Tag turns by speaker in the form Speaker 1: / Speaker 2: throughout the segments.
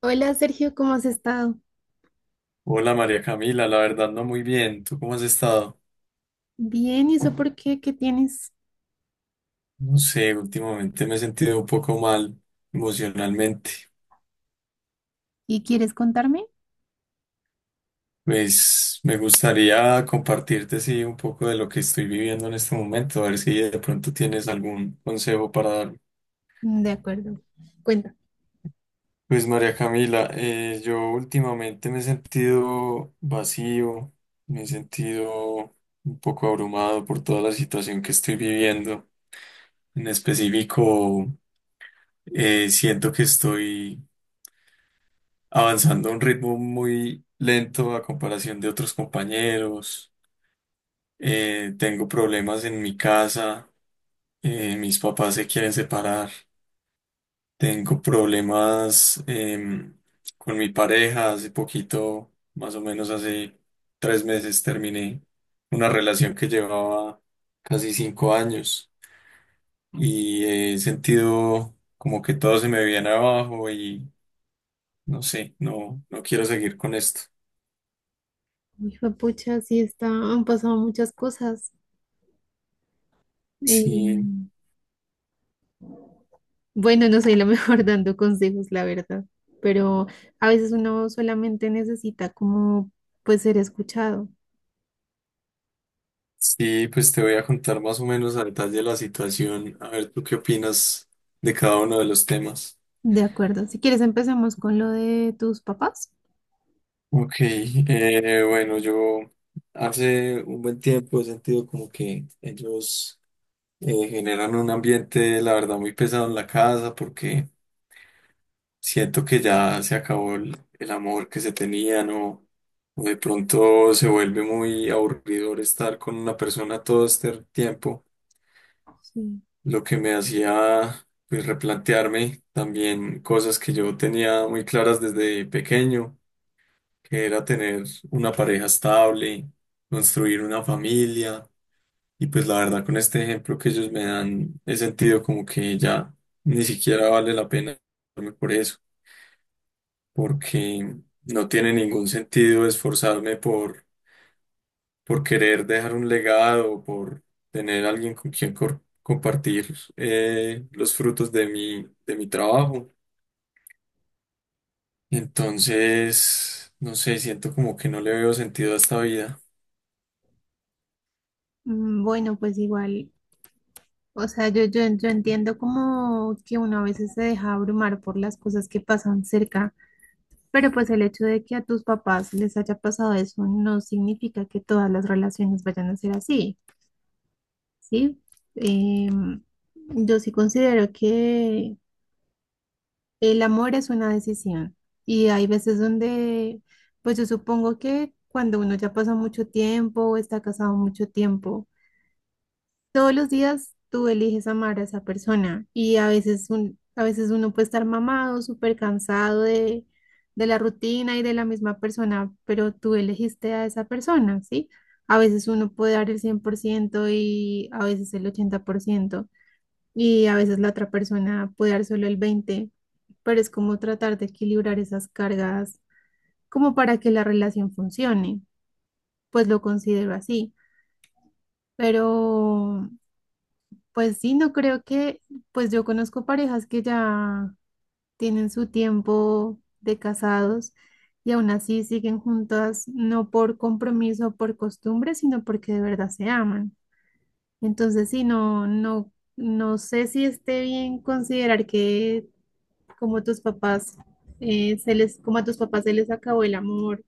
Speaker 1: Hola Sergio, ¿cómo has estado?
Speaker 2: Hola María Camila, la verdad no muy bien. ¿Tú cómo has estado?
Speaker 1: Bien, ¿y eso por qué? ¿Qué tienes?
Speaker 2: No sé, últimamente me he sentido un poco mal emocionalmente.
Speaker 1: ¿Y quieres contarme?
Speaker 2: Pues me gustaría compartirte sí un poco de lo que estoy viviendo en este momento, a ver si de pronto tienes algún consejo para darme.
Speaker 1: De acuerdo, cuenta.
Speaker 2: Pues María Camila, yo últimamente me he sentido vacío, me he sentido un poco abrumado por toda la situación que estoy viviendo. En específico, siento que estoy avanzando a un ritmo muy lento a comparación de otros compañeros. Tengo problemas en mi casa, mis papás se quieren separar. Tengo problemas con mi pareja. Hace poquito, más o menos hace 3 meses, terminé una relación que llevaba casi 5 años y he sentido como que todo se me viene abajo y no sé, no, no quiero seguir con esto.
Speaker 1: Uy, pucha, sí está, han pasado muchas cosas. Eh,
Speaker 2: Sí,
Speaker 1: bueno, no soy la mejor dando consejos, la verdad, pero a veces uno solamente necesita como pues ser escuchado.
Speaker 2: sí, pues te voy a contar más o menos a detalle la situación. A ver, ¿tú qué opinas de cada uno de los temas?
Speaker 1: De acuerdo. Si quieres, empecemos con lo de tus papás.
Speaker 2: Ok, bueno, yo hace un buen tiempo he sentido como que ellos generan un ambiente, la verdad, muy pesado en la casa porque siento que ya se acabó el amor que se tenían o de pronto se vuelve muy aburridor estar con una persona todo este tiempo.
Speaker 1: Sí.
Speaker 2: Lo que me hacía pues, replantearme también cosas que yo tenía muy claras desde pequeño, que era tener una pareja estable, construir una familia, y pues la verdad con este ejemplo que ellos me dan, he sentido como que ya ni siquiera vale la pena esforzarme por eso, porque no tiene ningún sentido esforzarme por querer dejar un legado, por tener alguien con quien compartir los frutos de de mi trabajo. Entonces, no sé, siento como que no le veo sentido a esta vida.
Speaker 1: Bueno, pues igual, o sea, yo entiendo como que uno a veces se deja abrumar por las cosas que pasan cerca. Pero pues el hecho de que a tus papás les haya pasado eso no significa que todas las relaciones vayan a ser así, ¿sí? Em, yo sí considero que el amor es una decisión y hay veces donde, pues yo supongo que cuando uno ya pasa mucho tiempo o está casado mucho tiempo, todos los días tú eliges amar a esa persona y a veces, a veces uno puede estar mamado, súper cansado de la rutina y de la misma persona, pero tú elegiste a esa persona, ¿sí? A veces uno puede dar el 100% y a veces el 80% y a veces la otra persona puede dar solo el 20%, pero es como tratar de equilibrar esas cargas como para que la relación funcione, pues lo considero así, pero... Pues sí, no creo que, pues yo conozco parejas que ya tienen su tiempo de casados y aún así siguen juntas, no por compromiso o por costumbre, sino porque de verdad se aman. Entonces sí, no, no, no sé si esté bien considerar que como tus papás, se les, como a tus papás se les acabó el amor,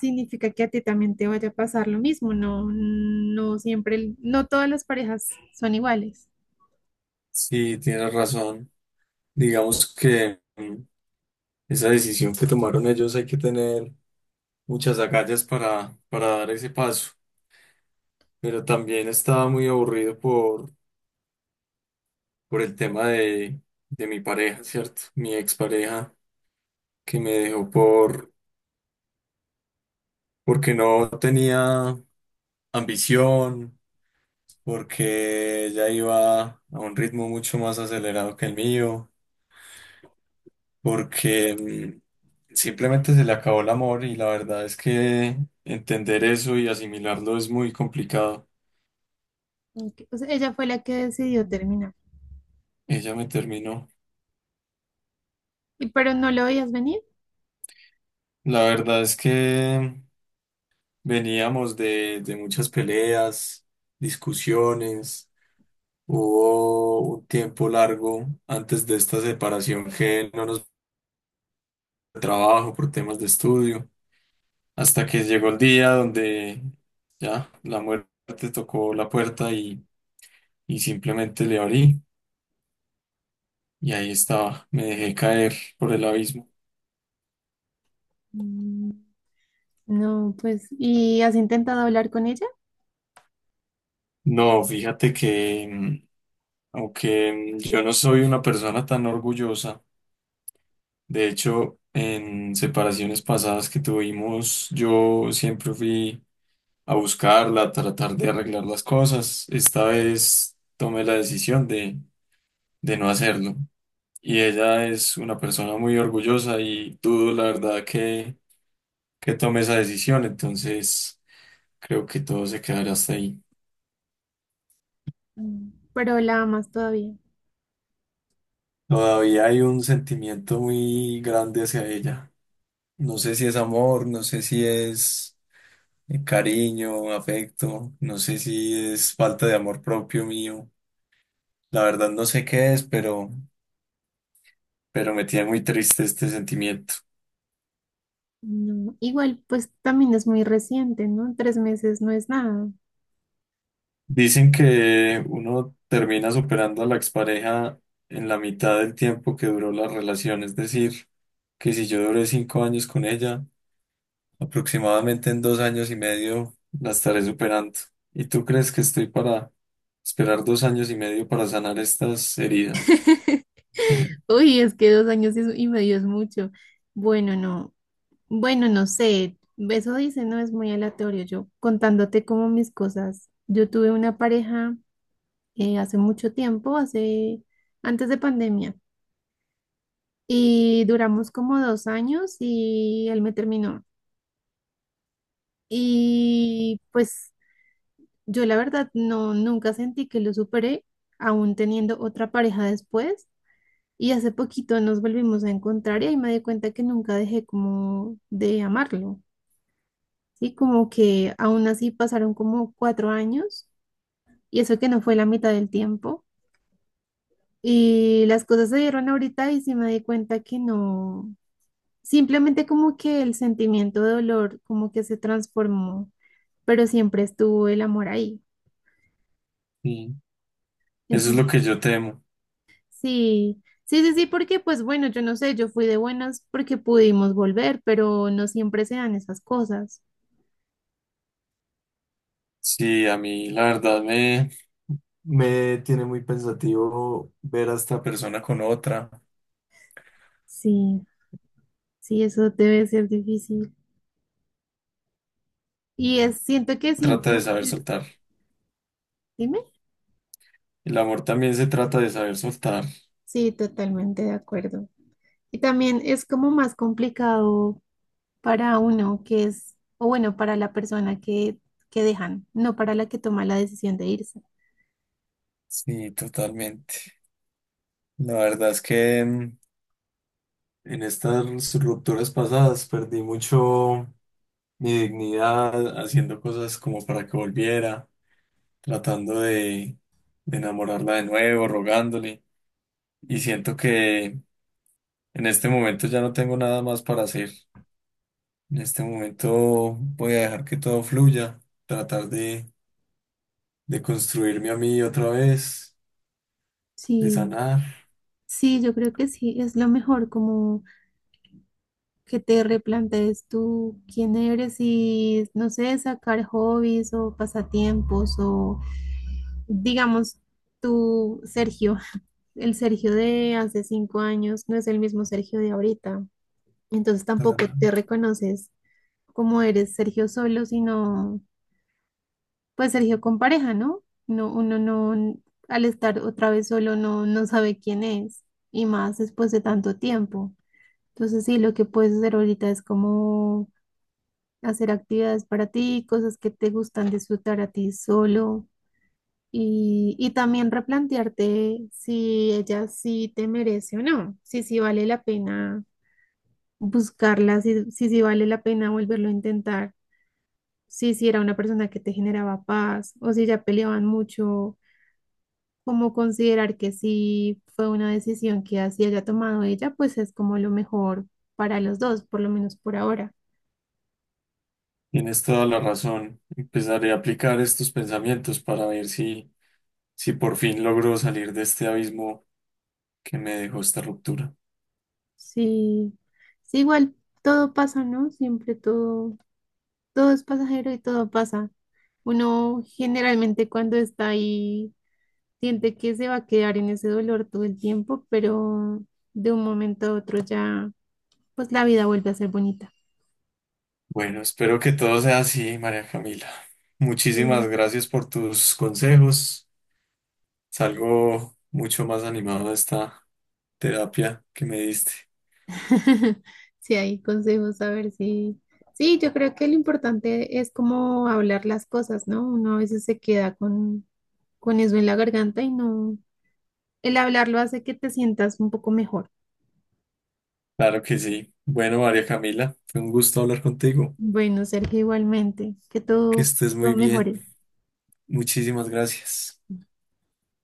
Speaker 1: significa que a ti también te vaya a pasar lo mismo. No, no siempre, no todas las parejas son iguales.
Speaker 2: Sí, tienes razón. Digamos que esa decisión que tomaron ellos hay que tener muchas agallas para dar ese paso. Pero también estaba muy aburrido por el tema de mi pareja, ¿cierto? Mi expareja que me dejó por porque no tenía ambición, porque ya iba a un ritmo mucho más acelerado que el mío, porque simplemente se le acabó el amor y la verdad es que entender eso y asimilarlo es muy complicado.
Speaker 1: Ok, o sea, ella fue la que decidió terminar.
Speaker 2: Ella me terminó.
Speaker 1: ¿Y pero no lo veías venir?
Speaker 2: La verdad es que veníamos de muchas peleas, discusiones. Hubo un tiempo largo antes de esta separación que no nos trabajo, por temas de estudio, hasta que llegó el día donde ya la muerte tocó la puerta y simplemente le abrí y ahí estaba, me dejé caer por el abismo.
Speaker 1: Mm, No, pues, ¿y has intentado hablar con ella?
Speaker 2: No, fíjate que aunque yo no soy una persona tan orgullosa, de hecho, en separaciones pasadas que tuvimos, yo siempre fui a buscarla, a tratar de arreglar las cosas. Esta vez tomé la decisión de no hacerlo. Y ella es una persona muy orgullosa y dudo la verdad que tome esa decisión, entonces creo que todo se quedará hasta ahí.
Speaker 1: Pero la amas todavía.
Speaker 2: Todavía hay un sentimiento muy grande hacia ella. No sé si es amor, no sé si es cariño, afecto, no sé si es falta de amor propio mío. La verdad no sé qué es, pero me tiene muy triste este sentimiento.
Speaker 1: No, igual, pues también es muy reciente, ¿no? 3 meses no es nada.
Speaker 2: Dicen que uno termina superando a la expareja en la mitad del tiempo que duró la relación, es decir, que si yo duré 5 años con ella, aproximadamente en 2 años y medio la estaré superando. ¿Y tú crees que estoy para esperar 2 años y medio para sanar estas heridas? Mm,
Speaker 1: Uy, es que 2 años y medio es mucho. Bueno, no, bueno, no sé, eso dice, no es muy aleatorio. Yo contándote como mis cosas, yo tuve una pareja hace mucho tiempo, hace antes de pandemia. Y duramos como 2 años y él me terminó. Y pues yo la verdad no, nunca sentí que lo superé, aún teniendo otra pareja después. Y hace poquito nos volvimos a encontrar y ahí me di cuenta que nunca dejé como de amarlo, ¿sí? Como que aún así pasaron como 4 años y eso que no fue la mitad del tiempo. Y las cosas se dieron ahorita y sí me di cuenta que no. Simplemente como que el sentimiento de dolor como que se transformó, pero siempre estuvo el amor ahí.
Speaker 2: mm. Eso es
Speaker 1: Entonces,
Speaker 2: lo que yo temo.
Speaker 1: sí, sí, sí, sí, porque pues bueno, yo no sé, yo fui de buenas porque pudimos volver, pero no siempre se dan esas cosas.
Speaker 2: Sí, a mí la verdad me, me tiene muy pensativo ver a esta persona con otra.
Speaker 1: Sí, sí, eso debe ser difícil. Y es, siento que
Speaker 2: Trata
Speaker 1: siempre va
Speaker 2: de
Speaker 1: a
Speaker 2: saber
Speaker 1: ser,
Speaker 2: soltar.
Speaker 1: dime.
Speaker 2: El amor también se trata de saber soltar.
Speaker 1: Sí, totalmente de acuerdo. Y también es como más complicado para uno que es, o bueno, para la persona que, dejan, no para la que toma la decisión de irse.
Speaker 2: Sí, totalmente. La verdad es que en estas rupturas pasadas perdí mucho mi dignidad haciendo cosas como para que volviera, tratando de enamorarla de nuevo, rogándole. Y siento que en este momento ya no tengo nada más para hacer. En este momento voy a dejar que todo fluya, tratar de construirme a mí otra vez, de
Speaker 1: Sí,
Speaker 2: sanar.
Speaker 1: sí, yo creo que sí, es lo mejor, como que te replantees tú quién eres y, no sé, sacar hobbies o pasatiempos o, digamos, tú, Sergio. El Sergio de hace 5 años no es el mismo Sergio de ahorita. Entonces tampoco
Speaker 2: Sanar.
Speaker 1: te reconoces como eres Sergio solo, sino pues Sergio con pareja, ¿no? No, uno no, al estar otra vez solo no, no sabe quién es. Y más después de tanto tiempo. Entonces sí, lo que puedes hacer ahorita es como hacer actividades para ti, cosas que te gustan disfrutar a ti solo. Y también replantearte si ella sí te merece o no, si sí vale la pena buscarla, si sí vale la pena volverlo a intentar, si sí era una persona que te generaba paz o si ya peleaban mucho, como considerar que si fue una decisión que así haya tomado ella, pues es como lo mejor para los dos, por lo menos por ahora.
Speaker 2: Tienes toda la razón. Empezaré a aplicar estos pensamientos para ver si, si por fin logro salir de este abismo que me dejó esta ruptura.
Speaker 1: Sí, sí, igual todo pasa, ¿no? Siempre todo. Todo es pasajero y todo pasa. Uno generalmente cuando está ahí siente que se va a quedar en ese dolor todo el tiempo, pero de un momento a otro ya, pues la vida vuelve a ser bonita.
Speaker 2: Bueno, espero que todo sea así, María Camila.
Speaker 1: Sí,
Speaker 2: Muchísimas gracias por tus consejos. Salgo mucho más animado de esta terapia que me diste.
Speaker 1: Sí, hay consejos, a ver si... Sí, yo creo que lo importante es como hablar las cosas, ¿no? Uno a veces se queda con, eso en la garganta y no... El hablarlo hace que te sientas un poco mejor.
Speaker 2: Claro que sí. Bueno, María Camila, fue un gusto hablar contigo.
Speaker 1: Bueno, Sergio, igualmente, que
Speaker 2: Que
Speaker 1: todo,
Speaker 2: estés
Speaker 1: todo
Speaker 2: muy bien.
Speaker 1: mejore.
Speaker 2: Muchísimas gracias.